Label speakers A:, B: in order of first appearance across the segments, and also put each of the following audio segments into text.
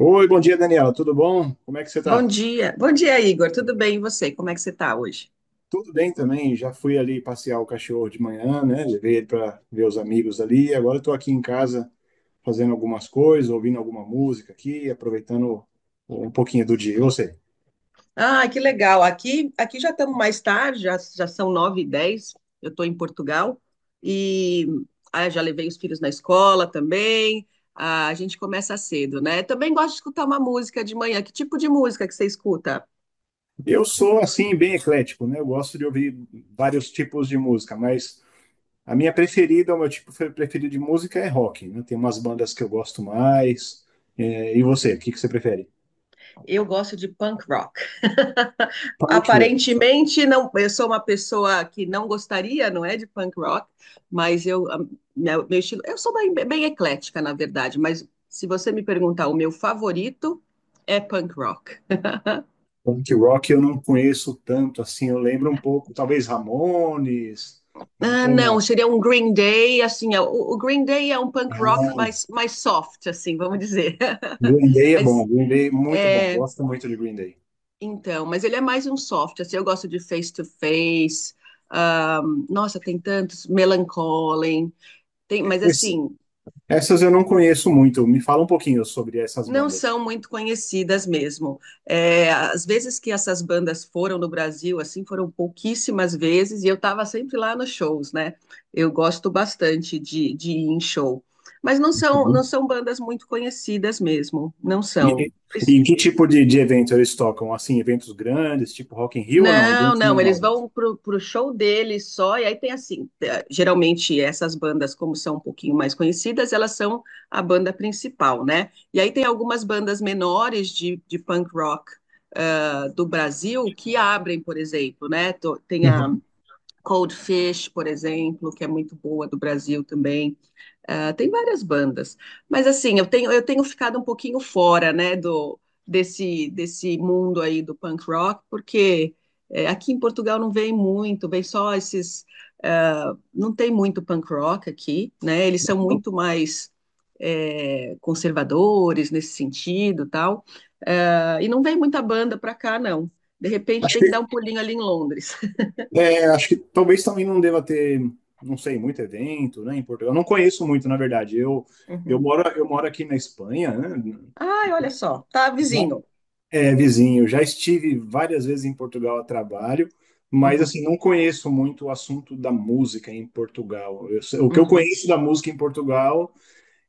A: Oi, bom dia, Daniela. Tudo bom? Como é que você
B: Bom
A: tá?
B: dia. Bom dia, Igor. Tudo bem? E você? Como é que você está hoje?
A: Tudo bem também. Já fui ali passear o cachorro de manhã, né? Levei ele para ver os amigos ali. Agora eu tô aqui em casa fazendo algumas coisas, ouvindo alguma música aqui, aproveitando um pouquinho do dia. Eu sei.
B: Ah, que legal. Aqui, já estamos mais tarde, já são 9h10. Eu estou em Portugal e já levei os filhos na escola também. Ah, a gente começa cedo, né? Também gosto de escutar uma música de manhã. Que tipo de música que você escuta?
A: Eu sou assim bem eclético, né? Eu gosto de ouvir vários tipos de música, mas a minha preferida, o meu tipo preferido de música é rock, né? Tem umas bandas que eu gosto mais. É, e você, o que você prefere?
B: Eu gosto de punk rock.
A: Punk rock.
B: Aparentemente, não, eu sou uma pessoa que não gostaria, não é, de punk rock, mas meu estilo, eu sou bem, bem eclética, na verdade, mas se você me perguntar, o meu favorito é punk rock.
A: Punk rock eu não conheço tanto assim, eu lembro um pouco, talvez Ramones,
B: Ah,
A: ou
B: não,
A: não.
B: seria um Green Day, assim, o Green Day é um punk rock
A: Não.
B: mais soft, assim, vamos dizer.
A: Green Day é bom,
B: Mas,
A: Green Day é muito bom,
B: é,
A: gosto muito de Green Day.
B: então, mas ele é mais um soft, assim, eu gosto de Face to Face, ah, nossa, tem tantos, Melancholy, tem, mas
A: Esse-
B: assim,
A: Essas eu não conheço muito, me fala um pouquinho sobre essas
B: não
A: bandas.
B: são muito conhecidas mesmo. É, às vezes que essas bandas foram no Brasil, assim, foram pouquíssimas vezes, e eu estava sempre lá nos shows, né? Eu gosto bastante de ir em show. Mas não são, não
A: Uhum.
B: são bandas muito conhecidas mesmo, não
A: E,
B: são.
A: e- e em que tipo de evento eles tocam? Assim, eventos grandes, tipo Rock in Rio ou não?
B: Não,
A: Eventos
B: não, eles
A: menores?
B: vão pro show deles só, e aí tem assim, geralmente essas bandas, como são um pouquinho mais conhecidas, elas são a banda principal, né? E aí tem algumas bandas menores de punk rock, do Brasil que abrem, por exemplo, né? Tem a
A: Uhum.
B: Cold Fish, por exemplo, que é muito boa do Brasil também. Ah, tem várias bandas, mas assim, eu tenho ficado um pouquinho fora, né, do desse desse mundo aí do punk rock, porque aqui em Portugal não vem muito, vem só esses, não tem muito punk rock aqui, né? Eles são muito mais conservadores nesse sentido, tal. Ah, e não vem muita banda para cá, não. De repente
A: Acho
B: tem que
A: que,
B: dar um pulinho ali em Londres.
A: é, acho que talvez também não deva ter, não sei, muito evento, né, em Portugal. Eu não conheço muito, na verdade. Eu, eu
B: Uhum.
A: moro, eu moro aqui na Espanha, né?
B: Ai, olha só, tá
A: Já-
B: vizinho.
A: É, vizinho, já estive várias vezes em Portugal a trabalho, mas
B: Uhum,
A: assim, não conheço muito o assunto da música em Portugal. O que eu
B: uhum.
A: conheço da música em Portugal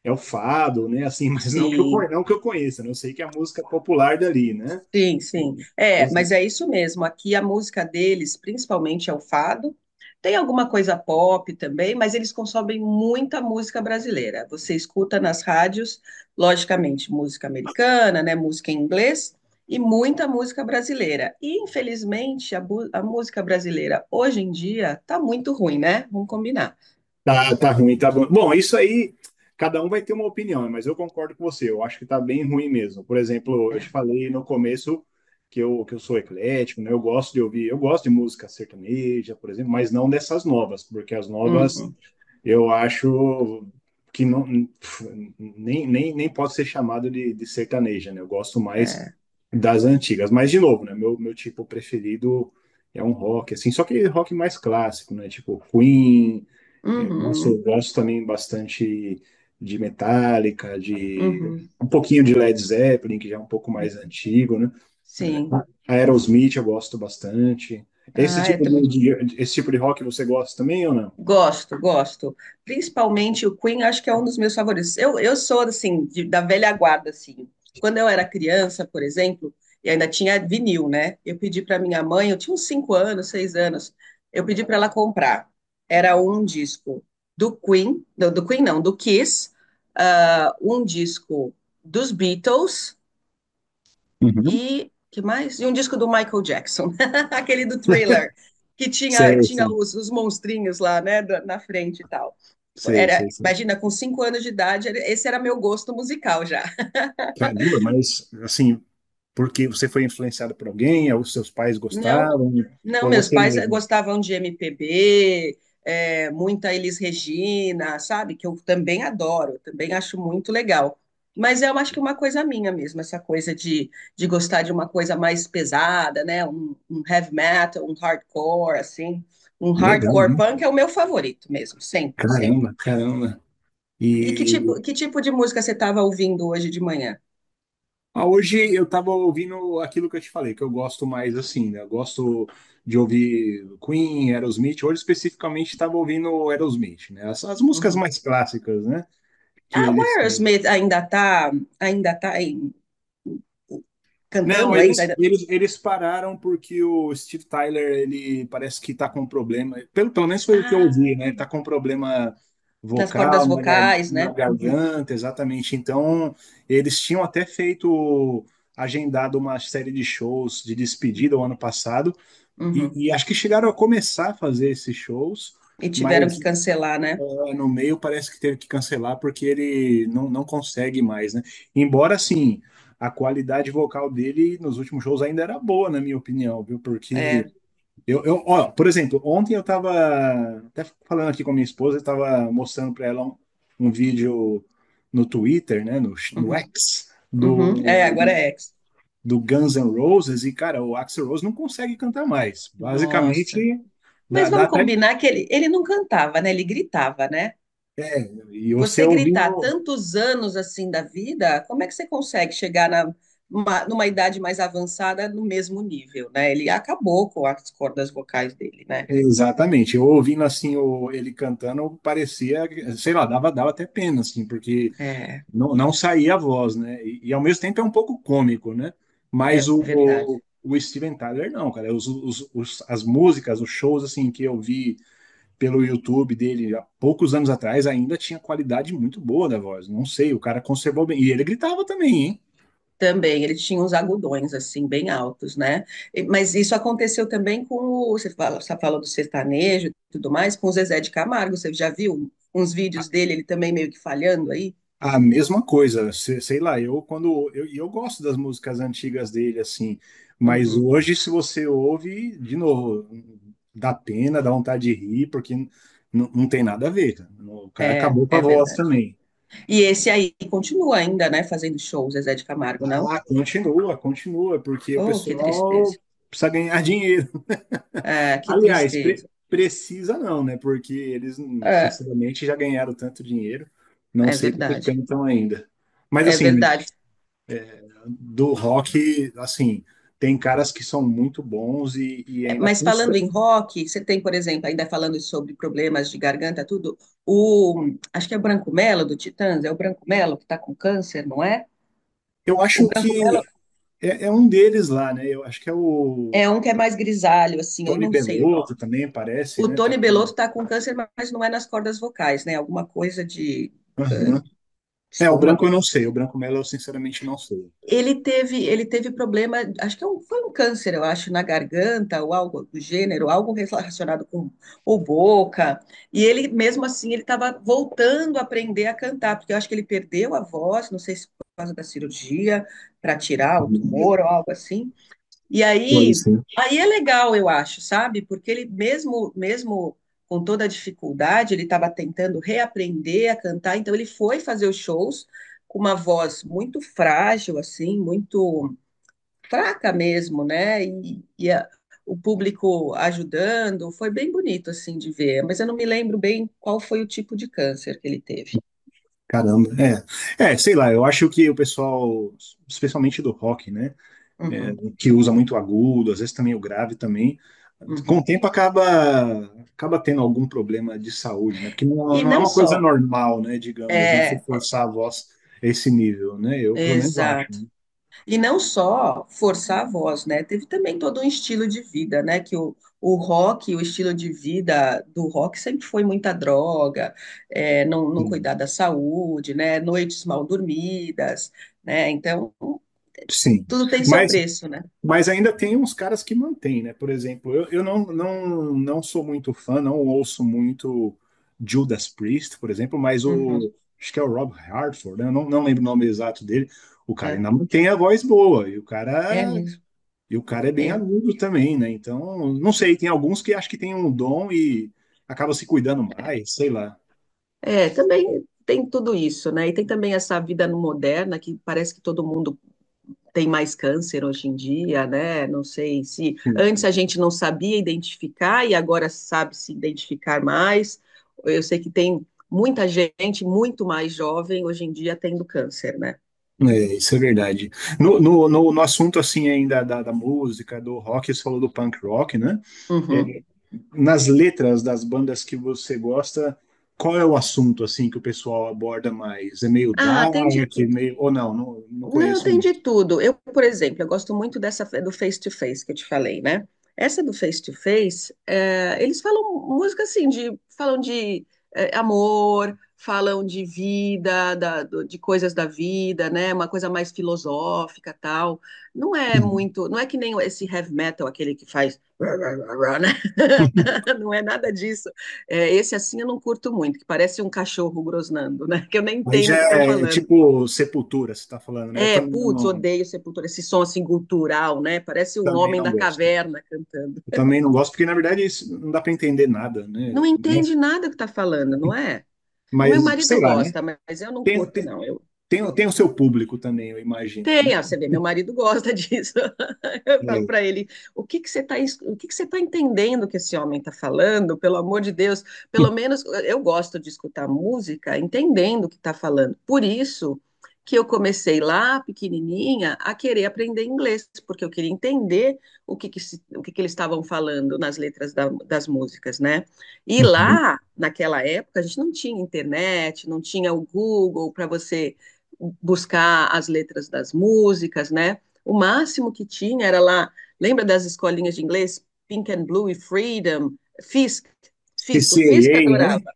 A: é o fado, né? Assim, mas não que eu,
B: Sim.
A: não que eu conheça, né? Eu sei que é a música popular dali, né?
B: Sim, sim. É, mas é isso mesmo. Aqui a música deles, principalmente, é o fado. Tem alguma coisa pop também, mas eles consomem muita música brasileira. Você escuta nas rádios, logicamente, música americana, né, música em inglês e muita música brasileira. E infelizmente a música brasileira hoje em dia tá muito ruim, né? Vamos combinar.
A: Tá, tá ruim, tá bom. Bom, isso aí, cada um vai ter uma opinião, né? Mas eu concordo com você. Eu acho que tá bem ruim mesmo. Por exemplo, eu te
B: É.
A: falei no começo que eu sou eclético, né? Eu gosto de ouvir, eu gosto de música sertaneja, por exemplo, mas não dessas novas, porque as novas
B: Uhum,
A: eu acho que não, pf, nem pode ser chamado de sertaneja, né? Eu gosto mais
B: é.
A: das antigas. Mas, de novo, né? Meu tipo preferido é um rock, assim, só que rock mais clássico, né? Tipo Queen. Eu gosto, eu
B: Uhum,
A: gosto também bastante de Metallica, de
B: uhum.
A: um pouquinho de Led Zeppelin, que já é um pouco mais antigo, né?
B: Sim.
A: Aerosmith eu gosto bastante. Esse
B: Ah, é
A: tipo
B: também.
A: esse tipo de rock você gosta também ou não?
B: Gosto, gosto. Principalmente o Queen, acho que é um dos meus favoritos. Eu sou, assim, da velha guarda, assim. Quando eu era criança, por exemplo, e ainda tinha vinil, né? Eu pedi para minha mãe, eu tinha uns 5 anos, 6 anos, eu pedi para ela comprar. Era um disco do Queen, não, do Queen não, do Kiss, um disco dos Beatles
A: Uhum.
B: e que mais? E um disco do Michael Jackson, aquele do Thriller, que tinha,
A: Sei,
B: tinha
A: sim.
B: os, os monstrinhos lá, né, na frente e tal.
A: Sei,
B: Era,
A: sei, sim.
B: imagina, com 5 anos de idade, esse era meu gosto musical já.
A: Caramba, mas assim, porque você foi influenciado por alguém, ou seus pais
B: Não,
A: gostavam,
B: não,
A: ou
B: meus
A: você
B: pais
A: mesmo?
B: gostavam de MPB, muita Elis Regina, sabe? Que eu também adoro, também acho muito legal. Mas eu acho que é uma coisa minha mesmo, essa coisa de gostar de uma coisa mais pesada, né? Um heavy metal, um hardcore, assim. Um
A: Legal,
B: hardcore
A: né?
B: punk é o meu favorito mesmo, sempre, sempre.
A: Caramba, caramba.
B: E que tipo,
A: E
B: que tipo de música você estava ouvindo hoje de manhã?
A: ah, hoje eu tava ouvindo aquilo que eu te falei, que eu gosto mais assim, né? Eu gosto de ouvir Queen, Aerosmith. Hoje especificamente tava ouvindo Aerosmith, né? As músicas
B: Uhum.
A: mais clássicas, né? Que
B: Ah, o
A: eles têm.
B: Aerosmith ainda tá
A: Não,
B: cantando
A: eles,
B: ainda?
A: eles, eles pararam porque o Steve Tyler, ele parece que tá com um problema. Pelo, pelo menos foi o que eu ouvi,
B: Ainda-
A: né? Ele tá com um problema
B: Nas cordas
A: vocal
B: vocais,
A: na
B: né? Uhum,
A: garganta, exatamente. Então, eles tinham até feito. Agendado uma série de shows de despedida o ano passado, E,
B: uhum.
A: e acho que chegaram a começar a fazer esses shows,
B: E tiveram que
A: mas
B: cancelar, né?
A: no meio parece que teve que cancelar porque ele não, não consegue mais, né? Embora, assim, a qualidade vocal dele nos últimos shows ainda era boa, na minha opinião, viu?
B: É,
A: Porque eu ó, por exemplo, ontem eu tava até falando aqui com a minha esposa, eu tava mostrando para ela um vídeo no Twitter, né, no
B: uhum,
A: X,
B: uhum. É,
A: do,
B: agora é ex.
A: do Guns N' Roses e, cara, o Axl Rose não consegue cantar mais.
B: Nossa.
A: Basicamente, dá,
B: Mas
A: dá
B: vamos
A: até.
B: combinar que ele não cantava, né? Ele gritava, né?
A: E você
B: Você gritar
A: ouvindo.
B: tantos anos assim da vida, como é que você consegue chegar na, numa idade mais avançada no mesmo nível, né? Ele acabou com as cordas vocais dele, né?
A: Exatamente, eu ouvindo assim o, ele cantando, parecia, sei lá, dava, dava até pena, assim, porque
B: É,
A: não, não saía a voz, né? E ao mesmo tempo é um pouco cômico, né? Mas
B: é
A: o,
B: verdade.
A: o Steven Tyler, não, cara. As músicas, os shows, assim, que eu vi pelo YouTube dele há poucos anos atrás ainda tinha qualidade muito boa da voz. Não sei, o cara conservou bem. E ele gritava também, hein?
B: Também, ele tinha uns agudões, assim, bem altos, né? Mas isso aconteceu também com o. Você fala, você falou do sertanejo e tudo mais, com o Zezé de Camargo. Você já viu uns
A: A,
B: vídeos dele, ele também meio que falhando aí?
A: a mesma coisa, sei, sei lá, eu quando eu gosto das músicas antigas dele assim, mas
B: Uhum.
A: hoje se você ouve de novo, dá pena, dá vontade de rir, não tem nada a ver, cara. O cara
B: É,
A: acabou com a
B: é
A: voz
B: verdade.
A: também.
B: E esse aí continua ainda, né, fazendo shows, Zezé de Camargo, não?
A: Ah, continua, continua, porque o
B: Oh, que tristeza.
A: pessoal precisa ganhar dinheiro.
B: Ah, que
A: Aliás,
B: tristeza.
A: precisa não, né? Porque eles,
B: É,
A: sinceramente, já ganharam tanto dinheiro. Não
B: é
A: sei do que
B: verdade.
A: cantam ainda. Mas,
B: É
A: assim,
B: verdade.
A: do rock, assim, tem caras que são muito bons e ainda
B: Mas falando
A: custa.
B: em rock, você tem, por exemplo, ainda falando sobre problemas de garganta, tudo, acho que é o Branco Melo do Titãs, é o Branco Melo que está com câncer, não é?
A: Eu
B: O
A: acho
B: Branco Melo
A: que é, é um deles lá, né? Eu acho que é o
B: é um que é mais grisalho, assim, eu
A: Tony
B: não sei o
A: Bellotto
B: nome.
A: também, parece,
B: O
A: né? Tá
B: Tony Belotto
A: com...
B: está com câncer, mas não é nas cordas vocais, né? Alguma coisa de
A: Aham. É, o
B: estômago,
A: branco eu não
B: alguma.
A: sei. O branco Melo eu, sinceramente, não sei.
B: Ele teve problema, acho que foi um câncer, eu acho, na garganta ou algo do gênero, algo relacionado com ou boca. E ele, mesmo assim, ele estava voltando a aprender a cantar, porque eu acho que ele perdeu a voz, não sei se por causa da cirurgia, para tirar o tumor ou algo assim. E
A: Pode
B: aí,
A: ser.
B: aí é legal, eu acho, sabe? Porque ele mesmo, mesmo com toda a dificuldade, ele estava tentando reaprender a cantar, então ele foi fazer os shows com uma voz muito frágil, assim, muito fraca mesmo, né? E o público ajudando, foi bem bonito, assim, de ver. Mas eu não me lembro bem qual foi o tipo de câncer que ele teve.
A: Caramba, é. É, sei lá, eu acho que o pessoal, especialmente do rock, né, é,
B: Uhum,
A: que usa muito agudo, às vezes também o grave também, com o
B: uhum.
A: tempo acaba tendo algum problema de saúde, né? Porque não,
B: E
A: não é
B: não
A: uma coisa
B: só.
A: normal, né, digamos, né, você
B: É,
A: forçar a voz a esse nível, né? Eu pelo menos acho,
B: exato.
A: né?
B: E não só forçar a voz, né? Teve também todo um estilo de vida, né? Que o rock, o estilo de vida do rock sempre foi muita droga, não
A: Sim.
B: cuidar da saúde, né? Noites mal dormidas, né? Então,
A: Sim.
B: tudo tem seu
A: Mas
B: preço, né?
A: Mas ainda tem uns caras que mantêm, né? Por exemplo, eu não, não sou muito fã, não ouço muito Judas Priest, por exemplo, mas
B: Uhum,
A: o. Acho que é o Rob Halford, né? Eu não, não lembro o nome exato dele. O cara
B: é,
A: ainda mantém a voz boa,
B: é mesmo.
A: e o cara é bem
B: É,
A: agudo também, né? Então, não sei, tem alguns que acho que tem um dom e acaba se cuidando mais, sei lá.
B: é, também tem tudo isso, né? E tem também essa vida no moderna que parece que todo mundo tem mais câncer hoje em dia, né? Não sei se antes
A: Sim.
B: a gente não sabia identificar e agora sabe se identificar mais. Eu sei que tem muita gente muito mais jovem hoje em dia tendo câncer, né?
A: É, isso é verdade. No assunto assim ainda da, da música, do rock, você falou do punk rock, né?
B: Uhum.
A: Nas letras das bandas que você gosta, qual é o assunto assim que o pessoal aborda mais? É meio
B: Ah,
A: dark,
B: tem de
A: é
B: tudo.
A: meio ou não? Não, não
B: Não,
A: conheço
B: tem de
A: muito.
B: tudo. Eu, por exemplo, eu gosto muito do face-to-face que eu te falei, né? Essa do face-to-face, eles falam música assim, falam de amor, falam de vida, de coisas da vida, né? Uma coisa mais filosófica, tal. Não é
A: Uhum.
B: muito, não é que nem esse heavy metal, aquele que faz, né? Não é nada disso. É, esse assim eu não curto muito, que parece um cachorro grosnando, né? Que eu nem
A: Aí
B: entendo
A: já
B: o que estão
A: é
B: falando.
A: tipo Sepultura, você está falando, né? Eu
B: É, putz, odeio Sepultura, esse som assim cultural, né? Parece um
A: também
B: homem
A: não
B: da
A: gosto.
B: caverna cantando.
A: Eu também não gosto porque na verdade isso não dá para entender nada, né?
B: Não entende nada que tá falando, não é? O
A: Mas
B: meu marido
A: sei lá, né?
B: gosta, mas eu não
A: Tem,
B: curto,
A: tem,
B: não.
A: tem o seu público também, eu imagino,
B: Tem,
A: né?
B: você vê, meu marido gosta disso. Eu falo
A: É.
B: para ele, o que que você está, o que que você tá entendendo que esse homem está falando? Pelo amor de Deus, pelo menos eu gosto de escutar música entendendo o que está falando. Por isso que eu comecei lá, pequenininha, a querer aprender inglês, porque eu queria entender o que que, se- o que que eles estavam falando nas letras das músicas, né? E
A: Uhum.
B: lá, naquela época, a gente não tinha internet, não tinha o Google para você buscar as letras das músicas, né? O máximo que tinha era lá, lembra das escolinhas de inglês? Pink and Blue e Freedom, Fisk, Fisk, o Fisk
A: CCA, né?
B: adorava.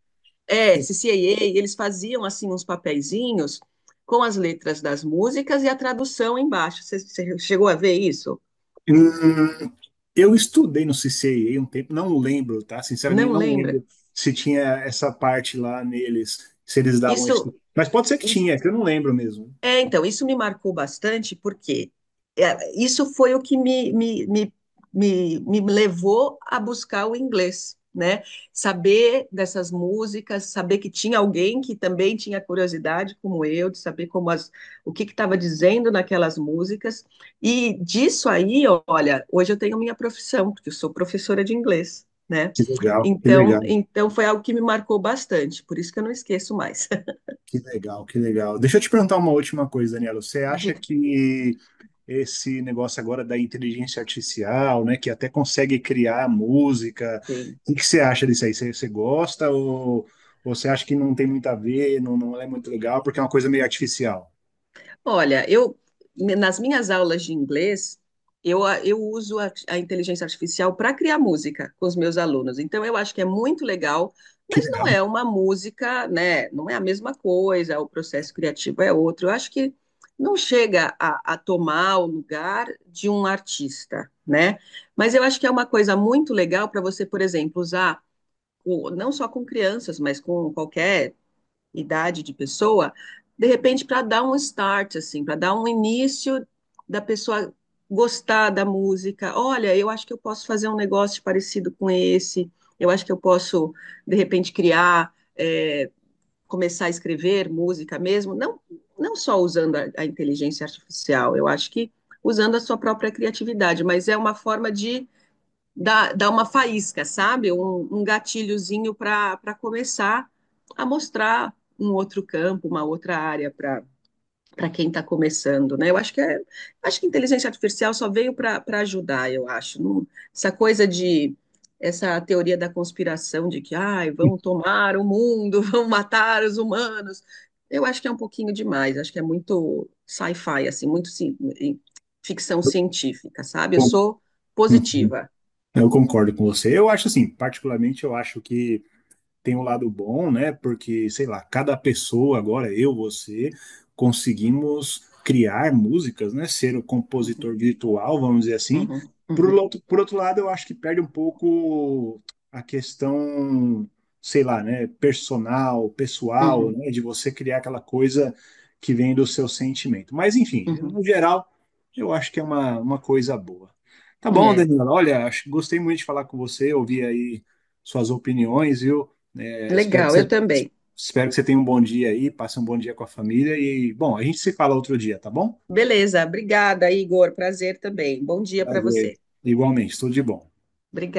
B: É, CCAA, eles faziam assim uns papeizinhos com as letras das músicas e a tradução embaixo. Você chegou a ver isso?
A: Hum, eu estudei no CCIA um tempo, não lembro, tá? Sinceramente,
B: Não
A: não
B: lembra?
A: lembro se tinha essa parte lá neles, se eles davam
B: Isso,
A: esse. Mas pode ser que
B: isso.
A: tinha, é que eu não lembro mesmo.
B: É, então, isso me marcou bastante, porque isso foi o que me levou a buscar o inglês, né? Saber dessas músicas, saber que tinha alguém que também tinha curiosidade, como eu, de saber o que estava dizendo naquelas músicas. E disso aí, olha, hoje eu tenho minha profissão, porque eu sou professora de inglês, né?
A: Que legal, que
B: Então,
A: legal,
B: então foi algo que me marcou bastante, por isso que eu não esqueço mais.
A: que legal. Deixa eu te perguntar uma última coisa, Daniela. Você acha
B: Dica.
A: que esse negócio agora da inteligência artificial, né, que até consegue criar música, o que você acha disso aí? Você, você gosta ou você acha que não tem muito a ver, não, não é muito legal, porque é uma coisa meio artificial?
B: Olha, eu nas minhas aulas de inglês, eu uso a inteligência artificial para criar música com os meus alunos. Então, eu acho que é muito legal,
A: Que
B: mas não
A: legal.
B: é uma música, né? Não é a mesma coisa, o processo criativo é outro. Eu acho que não chega a tomar o lugar de um artista, né? Mas eu acho que é uma coisa muito legal para você, por exemplo, usar. Não só com crianças, mas com qualquer idade de pessoa, de repente para dar um start, assim, para dar um início da pessoa gostar da música. Olha, eu acho que eu posso fazer um negócio parecido com esse. Eu acho que eu posso, de repente, criar, começar a escrever música mesmo. Não, não só usando a inteligência artificial. Eu acho que usando a sua própria criatividade, mas é uma forma de dá uma faísca, sabe? Um gatilhozinho para começar a mostrar um outro campo, uma outra área para quem está começando, né? Eu acho que acho que a inteligência artificial só veio para ajudar, eu acho. Essa coisa de essa teoria da conspiração de que, ai, vão tomar o mundo, vão matar os humanos. Eu acho que é um pouquinho demais, acho que é muito sci-fi, assim, muito ficção científica, sabe? Eu
A: Bom,
B: sou
A: uhum,
B: positiva.
A: eu concordo com você. Eu acho assim, particularmente, eu acho que tem um lado bom, né? Porque, sei lá, cada pessoa agora, eu, você, conseguimos criar músicas, né? Ser o
B: Uhum.
A: compositor virtual, vamos dizer assim.
B: Uhum,
A: Por
B: uhum,
A: outro, por outro lado, eu acho que perde um pouco a questão, sei lá, né? Personal, pessoal,
B: uhum,
A: né? De você criar aquela coisa que vem do seu sentimento. Mas, enfim,
B: uhum.
A: no geral, eu acho que é uma coisa boa. Tá bom,
B: É,
A: Daniela? Olha, acho, gostei muito de falar com você, ouvir aí suas opiniões, viu? É,
B: legal, eu também.
A: espero que você tenha um bom dia aí, passe um bom dia com a família e, bom, a gente se fala outro dia, tá bom?
B: Beleza, obrigada, Igor. Prazer também. Bom dia para
A: Prazer.
B: você.
A: Igualmente, tudo de bom.
B: Obrigada.